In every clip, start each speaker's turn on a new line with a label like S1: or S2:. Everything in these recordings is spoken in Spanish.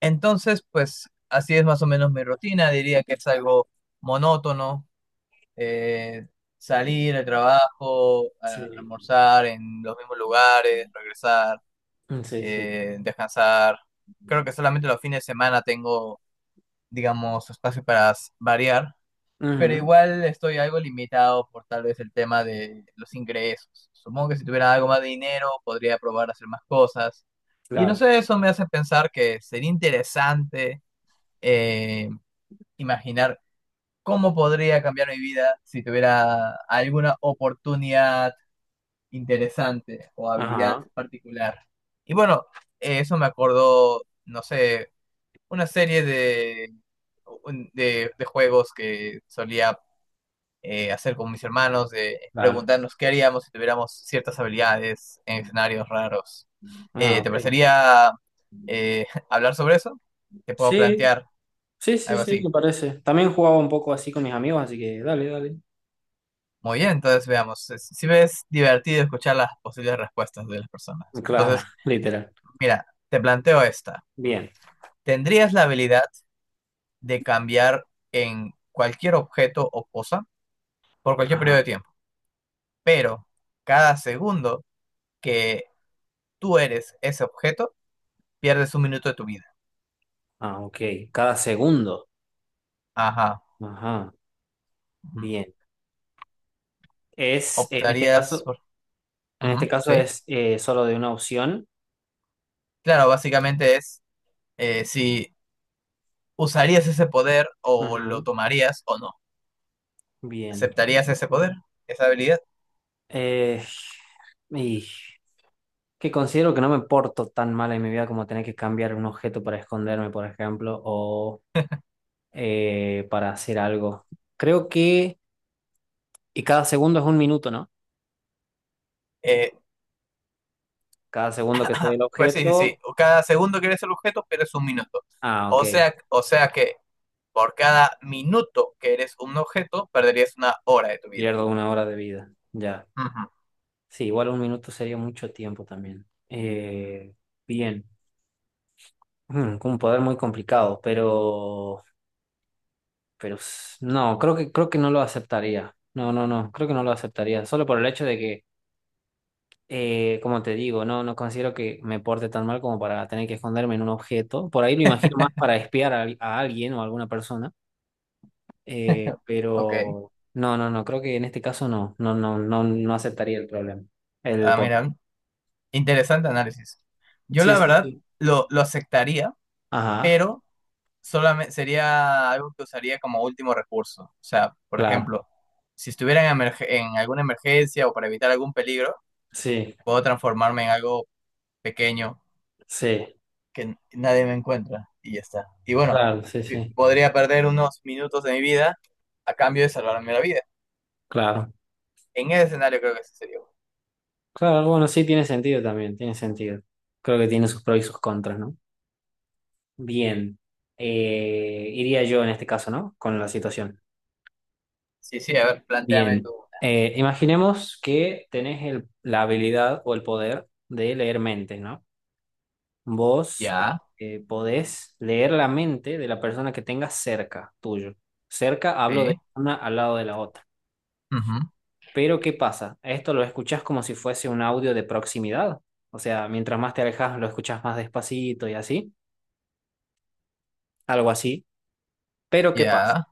S1: Entonces, pues así es más o menos mi rutina. Diría que es algo monótono. eh, Salir al trabajo,
S2: Sí,
S1: almorzar en los mismos lugares, regresar,
S2: mm, sí, sí.
S1: descansar. Creo que solamente los fines de semana tengo, digamos, espacio para variar. Pero
S2: Ujú,
S1: igual estoy algo limitado por tal vez el tema de los ingresos. Supongo que si tuviera algo más de dinero podría probar a hacer más cosas. Y no
S2: claro.
S1: sé, eso me hace pensar que sería interesante, eh, imaginar cómo podría cambiar mi vida si tuviera alguna oportunidad interesante o habilidad
S2: Ajá,
S1: particular. Y bueno, eso me acordó, no sé, una serie de, un- de juegos que solía, hacer con mis hermanos, de
S2: claro.
S1: preguntarnos qué haríamos si tuviéramos ciertas habilidades en escenarios raros.
S2: Ah,
S1: ¿Te
S2: ok.
S1: parecería, hablar sobre eso? Te puedo
S2: Sí,
S1: plantear
S2: sí, sí,
S1: algo
S2: sí,
S1: así.
S2: me parece. También jugaba un poco así con mis amigos, así que dale, dale.
S1: Muy bien, entonces veamos. Si ves divertido escuchar las posibles respuestas de las personas.
S2: Claro,
S1: Entonces,
S2: literal.
S1: mira, te planteo esta.
S2: Bien.
S1: ¿Tendrías la habilidad de cambiar en cualquier objeto o cosa por cualquier periodo de
S2: Ajá.
S1: tiempo? Pero cada segundo que tú eres ese objeto, pierdes un minuto de tu vida.
S2: Ah, ok. Cada segundo.
S1: Ajá.
S2: Ajá.
S1: Ujú.
S2: Bien. Es, en este
S1: ¿Optarías
S2: caso,
S1: por...?
S2: En
S1: Ujú,
S2: este caso
S1: sí.
S2: es solo de una opción.
S1: Claro, básicamente es, si usarías ese poder o lo
S2: Ujú.
S1: tomarías o no.
S2: Bien.
S1: ¿Aceptarías ese poder, esa habilidad?
S2: Eh, y que considero que no me porto tan mal en mi vida como tener que cambiar un objeto para esconderme, por ejemplo, o para hacer algo. Creo que, y cada segundo es un minuto, ¿no?
S1: Eh,
S2: Cada segundo que soy el
S1: Pues sí, sí,
S2: objeto,
S1: sí. O cada segundo que eres el objeto pierdes un minuto.
S2: ah, ok,
S1: O sea que por cada minuto que eres un objeto, perderías una hora de tu vida.
S2: pierdo una hora de vida, ya.
S1: Ujú,
S2: Sí, igual un minuto sería mucho tiempo también. Bien. Con un poder muy complicado, pero, no, creo que no lo aceptaría. No, no, no, creo que no lo aceptaría, solo por el hecho de que, como te digo, no, no considero que me porte tan mal como para tener que esconderme en un objeto. Por ahí lo imagino más para espiar a alguien o a alguna persona. Eh,
S1: ok.
S2: pero no, no, no, creo que en este caso no, no, no, no, no aceptaría el problema. El
S1: Ah,
S2: pot.
S1: mira, interesante análisis. Yo
S2: Sí,
S1: la
S2: sí,
S1: verdad
S2: sí.
S1: lo aceptaría,
S2: Ajá,
S1: pero solamente sería algo que usaría como último recurso. O sea, por
S2: claro.
S1: ejemplo, si estuviera en, en alguna emergencia o para evitar algún peligro,
S2: Sí,
S1: puedo transformarme en algo pequeño
S2: sí,
S1: que nadie me encuentra y ya está. Y bueno,
S2: claro, sí, sí.
S1: podría perder unos minutos de mi vida a cambio de salvarme la vida.
S2: Claro.
S1: En ese escenario creo que ese sería. Bueno.
S2: Claro, bueno, sí tiene sentido también, tiene sentido. Creo que tiene sus pros y sus contras, ¿no? Bien. Iría yo en este caso, ¿no? Con la situación.
S1: Sí, sí, a ver, planteame
S2: Bien.
S1: tú.
S2: Imaginemos que tenés la habilidad o el poder de leer mentes, ¿no? Vos
S1: Ya,
S2: podés leer la mente de la persona que tengas cerca tuyo. Cerca hablo de
S1: sí,
S2: una al lado de la otra.
S1: ujú,
S2: Pero ¿qué pasa? Esto lo escuchás como si fuese un audio de proximidad. O sea, mientras más te alejas, lo escuchás más despacito y así. Algo así. Pero ¿qué pasa?
S1: ya.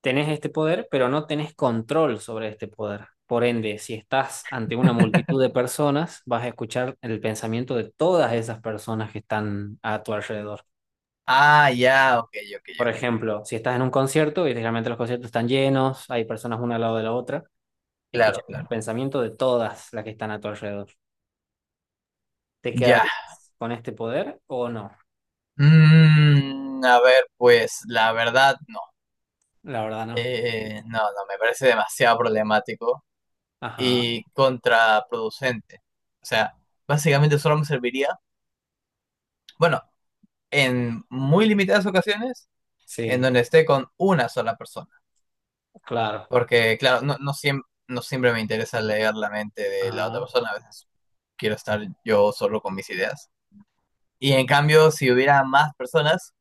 S2: Tenés este poder, pero no tenés control sobre este poder. Por ende, si estás ante una multitud de personas, vas a escuchar el pensamiento de todas esas personas que están a tu alrededor.
S1: Ah, ya, ok, ok,
S2: Por
S1: ok.
S2: ejemplo, si estás en un concierto, y generalmente los conciertos están llenos, hay personas una al lado de la otra,
S1: Claro,
S2: escucharías el
S1: claro.
S2: pensamiento de todas las que están a tu alrededor. ¿Te
S1: Ya.
S2: quedarías con este poder o no?
S1: Mm, a ver, pues la verdad, no.
S2: La verdad no.
S1: No, no, me parece demasiado problemático
S2: Ajá,
S1: y contraproducente. O sea, básicamente solo me serviría. Bueno, en muy limitadas ocasiones en
S2: sí,
S1: donde esté con una sola persona.
S2: claro.
S1: Porque, claro, no, no, no siempre me interesa leer la mente de la otra
S2: Ajá.
S1: persona, a veces quiero estar yo solo con mis ideas. Y en cambio, si hubiera más personas,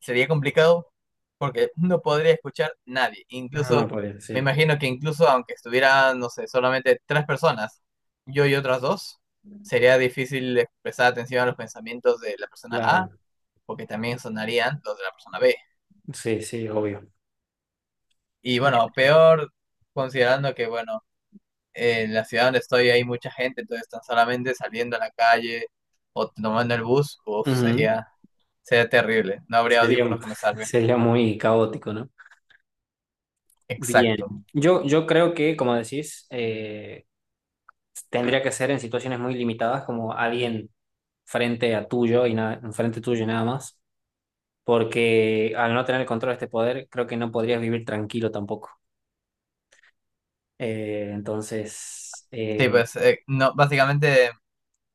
S1: sería complicado porque no podría escuchar nadie.
S2: No
S1: Incluso,
S2: podría,
S1: me
S2: sí,
S1: imagino que incluso aunque estuviera, no sé, solamente tres personas, yo y otras dos, sería difícil expresar atención a los pensamientos de la persona A,
S2: claro.
S1: porque también sonarían los de la persona B.
S2: Sí, sí, obvio.
S1: Y bueno, peor considerando que, bueno, en la ciudad donde estoy hay mucha gente, entonces tan solamente saliendo a la calle o tomando el bus, uff,
S2: Ujú.
S1: sería, sería terrible. No habría
S2: Sería, un-
S1: audífonos que me salven.
S2: Sería muy caótico, ¿no? Bien,
S1: Exacto.
S2: yo creo que, como decís, tendría que ser en situaciones muy limitadas, como alguien frente a tuyo y nada, frente tuyo y nada más, porque al no tener el control de este poder, creo que no podrías vivir tranquilo tampoco. Entonces,
S1: Sí, pues, no, básicamente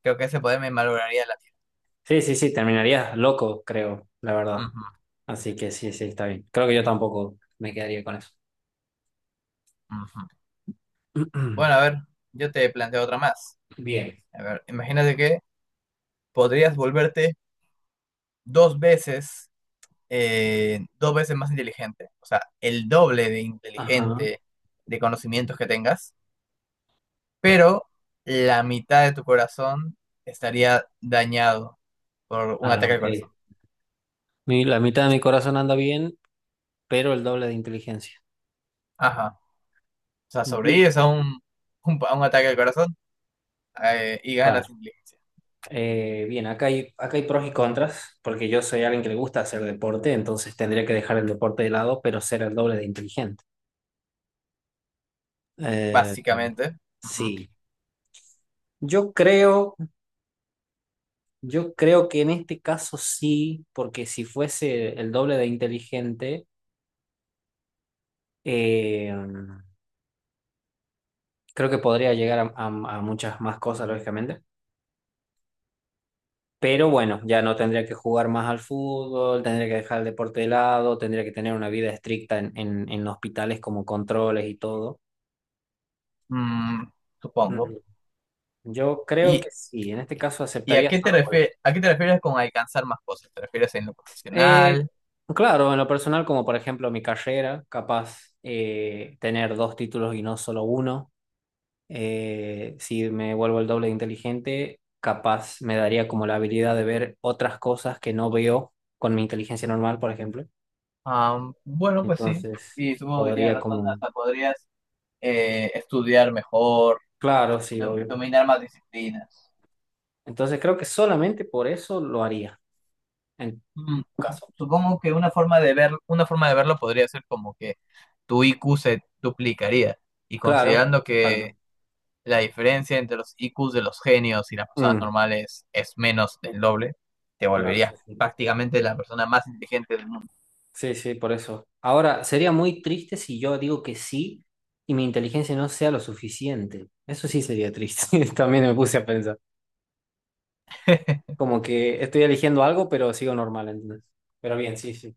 S1: creo que ese poder me malograría la vida.
S2: sí, sí, sí, terminarías loco, creo, la verdad.
S1: Ujú,
S2: Así que sí, sí, está bien. Creo que yo tampoco me quedaría con eso.
S1: ujú. Bueno, a ver, yo te planteo otra más.
S2: Bien.
S1: A ver, imagínate que podrías volverte dos veces, dos veces más inteligente. O sea, el doble de
S2: Ajá.
S1: inteligente de conocimientos que tengas pero la mitad de tu corazón estaría dañado por un
S2: Ah,
S1: ataque al
S2: ok.
S1: corazón.
S2: La mitad de mi corazón anda bien, pero el doble de inteligencia.
S1: Ajá. O sea,
S2: Bien.
S1: sobrevives a un ataque al corazón, y ganas
S2: Claro.
S1: inteligencia,
S2: Bien, acá hay pros y contras, porque yo soy alguien que le gusta hacer deporte, entonces tendría que dejar el deporte de lado, pero ser el doble de inteligente. Eh,
S1: básicamente. Ujú.
S2: sí, yo creo, yo creo que en este caso sí, porque si fuese el doble de inteligente, eh, creo que podría llegar a muchas más cosas, lógicamente. Pero bueno, ya no tendría que jugar más al fútbol, tendría que dejar el deporte de lado, tendría que tener una vida estricta en, en hospitales como controles y todo.
S1: Mm, supongo.
S2: Yo creo
S1: ¿Y,
S2: que sí, en este caso
S1: y a
S2: aceptaría
S1: qué
S2: solo por eso.
S1: a qué te refieres con alcanzar más cosas? ¿Te refieres en lo
S2: Eh,
S1: profesional?
S2: claro, en lo personal, como por ejemplo mi carrera, capaz tener dos títulos y no solo uno. Si me vuelvo el doble de inteligente, capaz me daría como la habilidad de ver otras cosas que no veo con mi inteligencia normal, por ejemplo.
S1: Am, bueno, pues sí.
S2: Entonces,
S1: Y supongo que tienes
S2: podría
S1: razón,
S2: como...
S1: hasta podrías, estudiar mejor,
S2: Claro, sí, obvio.
S1: dominar más disciplinas.
S2: Entonces, creo que solamente por eso lo haría, en
S1: Mm,
S2: tu caso.
S1: supongo que una forma de ver, una forma de verlo podría ser como que tu IQ se duplicaría. Y
S2: Claro,
S1: considerando que
S2: exacto.
S1: la diferencia entre los IQs de los genios y las personas
S2: Mm,
S1: normales es menos del doble, te
S2: claro, sí,
S1: volverías
S2: sí.
S1: prácticamente la persona más inteligente del mundo.
S2: Sí, sí, por eso. Ahora, sería muy triste si yo digo que sí y mi inteligencia no sea lo suficiente. Eso sí sería triste. También me puse a pensar. Como que estoy eligiendo algo, pero sigo normal, ¿entendés? Pero bien, sí, sí.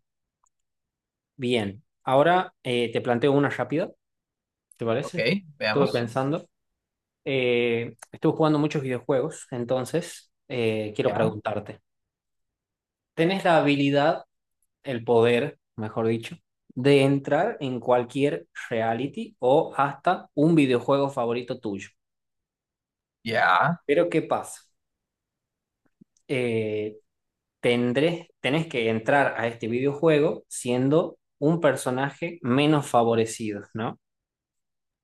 S2: Bien. Ahora te planteo una rápida, ¿te
S1: Ok,
S2: parece? Estuve
S1: veamos.
S2: pensando. Estuve jugando muchos videojuegos, entonces quiero
S1: Ya,
S2: preguntarte. ¿Tenés la habilidad el poder, mejor dicho, de entrar en cualquier reality o hasta un videojuego favorito tuyo?
S1: ya.
S2: Pero ¿qué pasa? Eh, Tenés que entrar a este videojuego siendo un personaje menos favorecido, ¿no?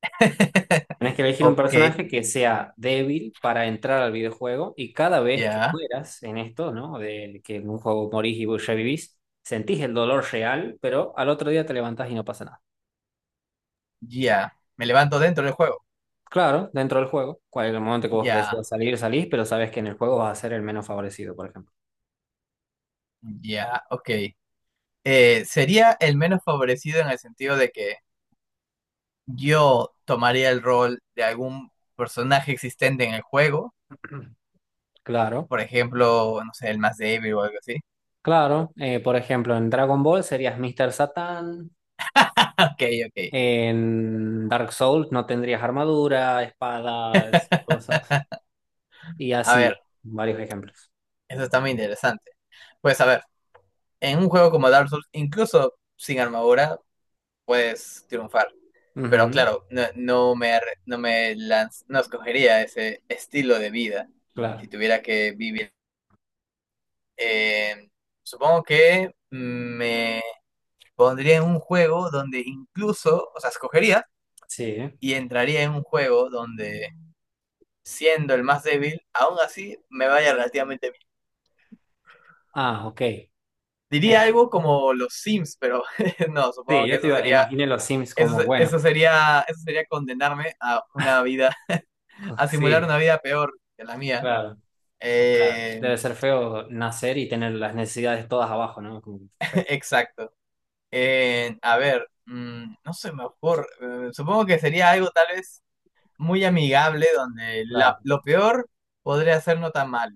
S2: Tenés que elegir un
S1: Ok,
S2: personaje que sea débil para entrar al videojuego y cada vez que
S1: ya,
S2: mueras en esto, ¿no? De que en un juego morís y revivís, sentís el dolor real, pero al otro día te levantás y no pasa nada.
S1: ya. Me levanto dentro del juego.
S2: Claro, dentro del juego. Cual el momento que vos
S1: Ya,
S2: decidas salir, salís, pero sabes que en el juego vas a ser el menos favorecido, por ejemplo.
S1: ya, ok. Sería el menos favorecido en el sentido de que yo tomaría el rol de algún personaje existente en el juego,
S2: Claro,
S1: por ejemplo, no sé, el más débil o algo así.
S2: claro. Por ejemplo, en Dragon Ball serías Mr. Satan.
S1: Ok, ok.
S2: En Dark Souls no tendrías armadura, espadas, cosas. Y
S1: A
S2: así,
S1: ver,
S2: varios ejemplos.
S1: eso está muy interesante. Pues a ver, en un juego como Dark Souls, incluso sin armadura, puedes triunfar. Pero
S2: Ujú,
S1: claro, no, no me, arre- no me lanz- no escogería ese estilo de vida si
S2: claro,
S1: tuviera que vivir. Eh, supongo que me pondría en un juego donde incluso, o sea, escogería
S2: sí.
S1: y entraría en un juego donde, siendo el más débil, aún así me vaya relativamente bien.
S2: Ah, ok.
S1: Diría algo como los Sims, pero no,
S2: Sí,
S1: supongo que eso sería,
S2: imaginé los Sims como, bueno,
S1: eso sería condenarme a una vida, a simular
S2: sí,
S1: una vida peor que la mía.
S2: claro. O sea,
S1: Eh,
S2: debe ser feo nacer y tener las necesidades todas abajo, ¿no? Como feo.
S1: exacto. A ver, mm, no se me ocurre. Supongo que sería algo tal vez muy amigable donde la,
S2: Claro.
S1: lo peor podría ser no tan mal.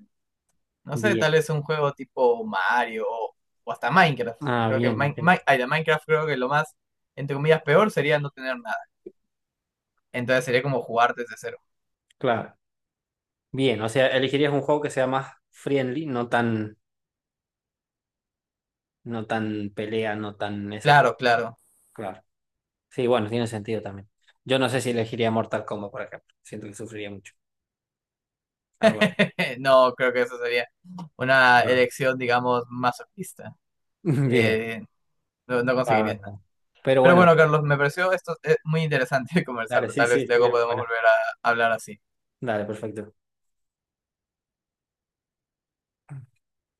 S1: No sé,
S2: Bien.
S1: tal vez un juego tipo Mario o hasta Minecraft.
S2: Ah,
S1: Creo que
S2: bien, ok.
S1: De Minecraft creo que lo más, entre comillas, peor sería no tener nada. Entonces sería como jugar desde cero.
S2: Claro. Bien, o sea, elegirías un juego que sea más friendly, no tan, pelea, no tan esas cosas.
S1: Claro, claro.
S2: Claro. Sí, bueno, tiene sentido también. Yo no sé si elegiría Mortal Kombat, por ejemplo. Siento que sufriría mucho. Algo así.
S1: No, creo que eso sería una
S2: Claro.
S1: elección, digamos, masoquista.
S2: Bien,
S1: Eh, no, no
S2: la
S1: conseguirías
S2: verdad.
S1: nada.
S2: Pero
S1: Pero
S2: bueno,
S1: bueno, Carlos, me pareció esto, muy interesante
S2: dale,
S1: conversarlo.
S2: sí,
S1: Tal
S2: sí,
S1: vez luego
S2: estuvieron
S1: podemos
S2: buenas.
S1: volver a hablar así.
S2: Dale, perfecto.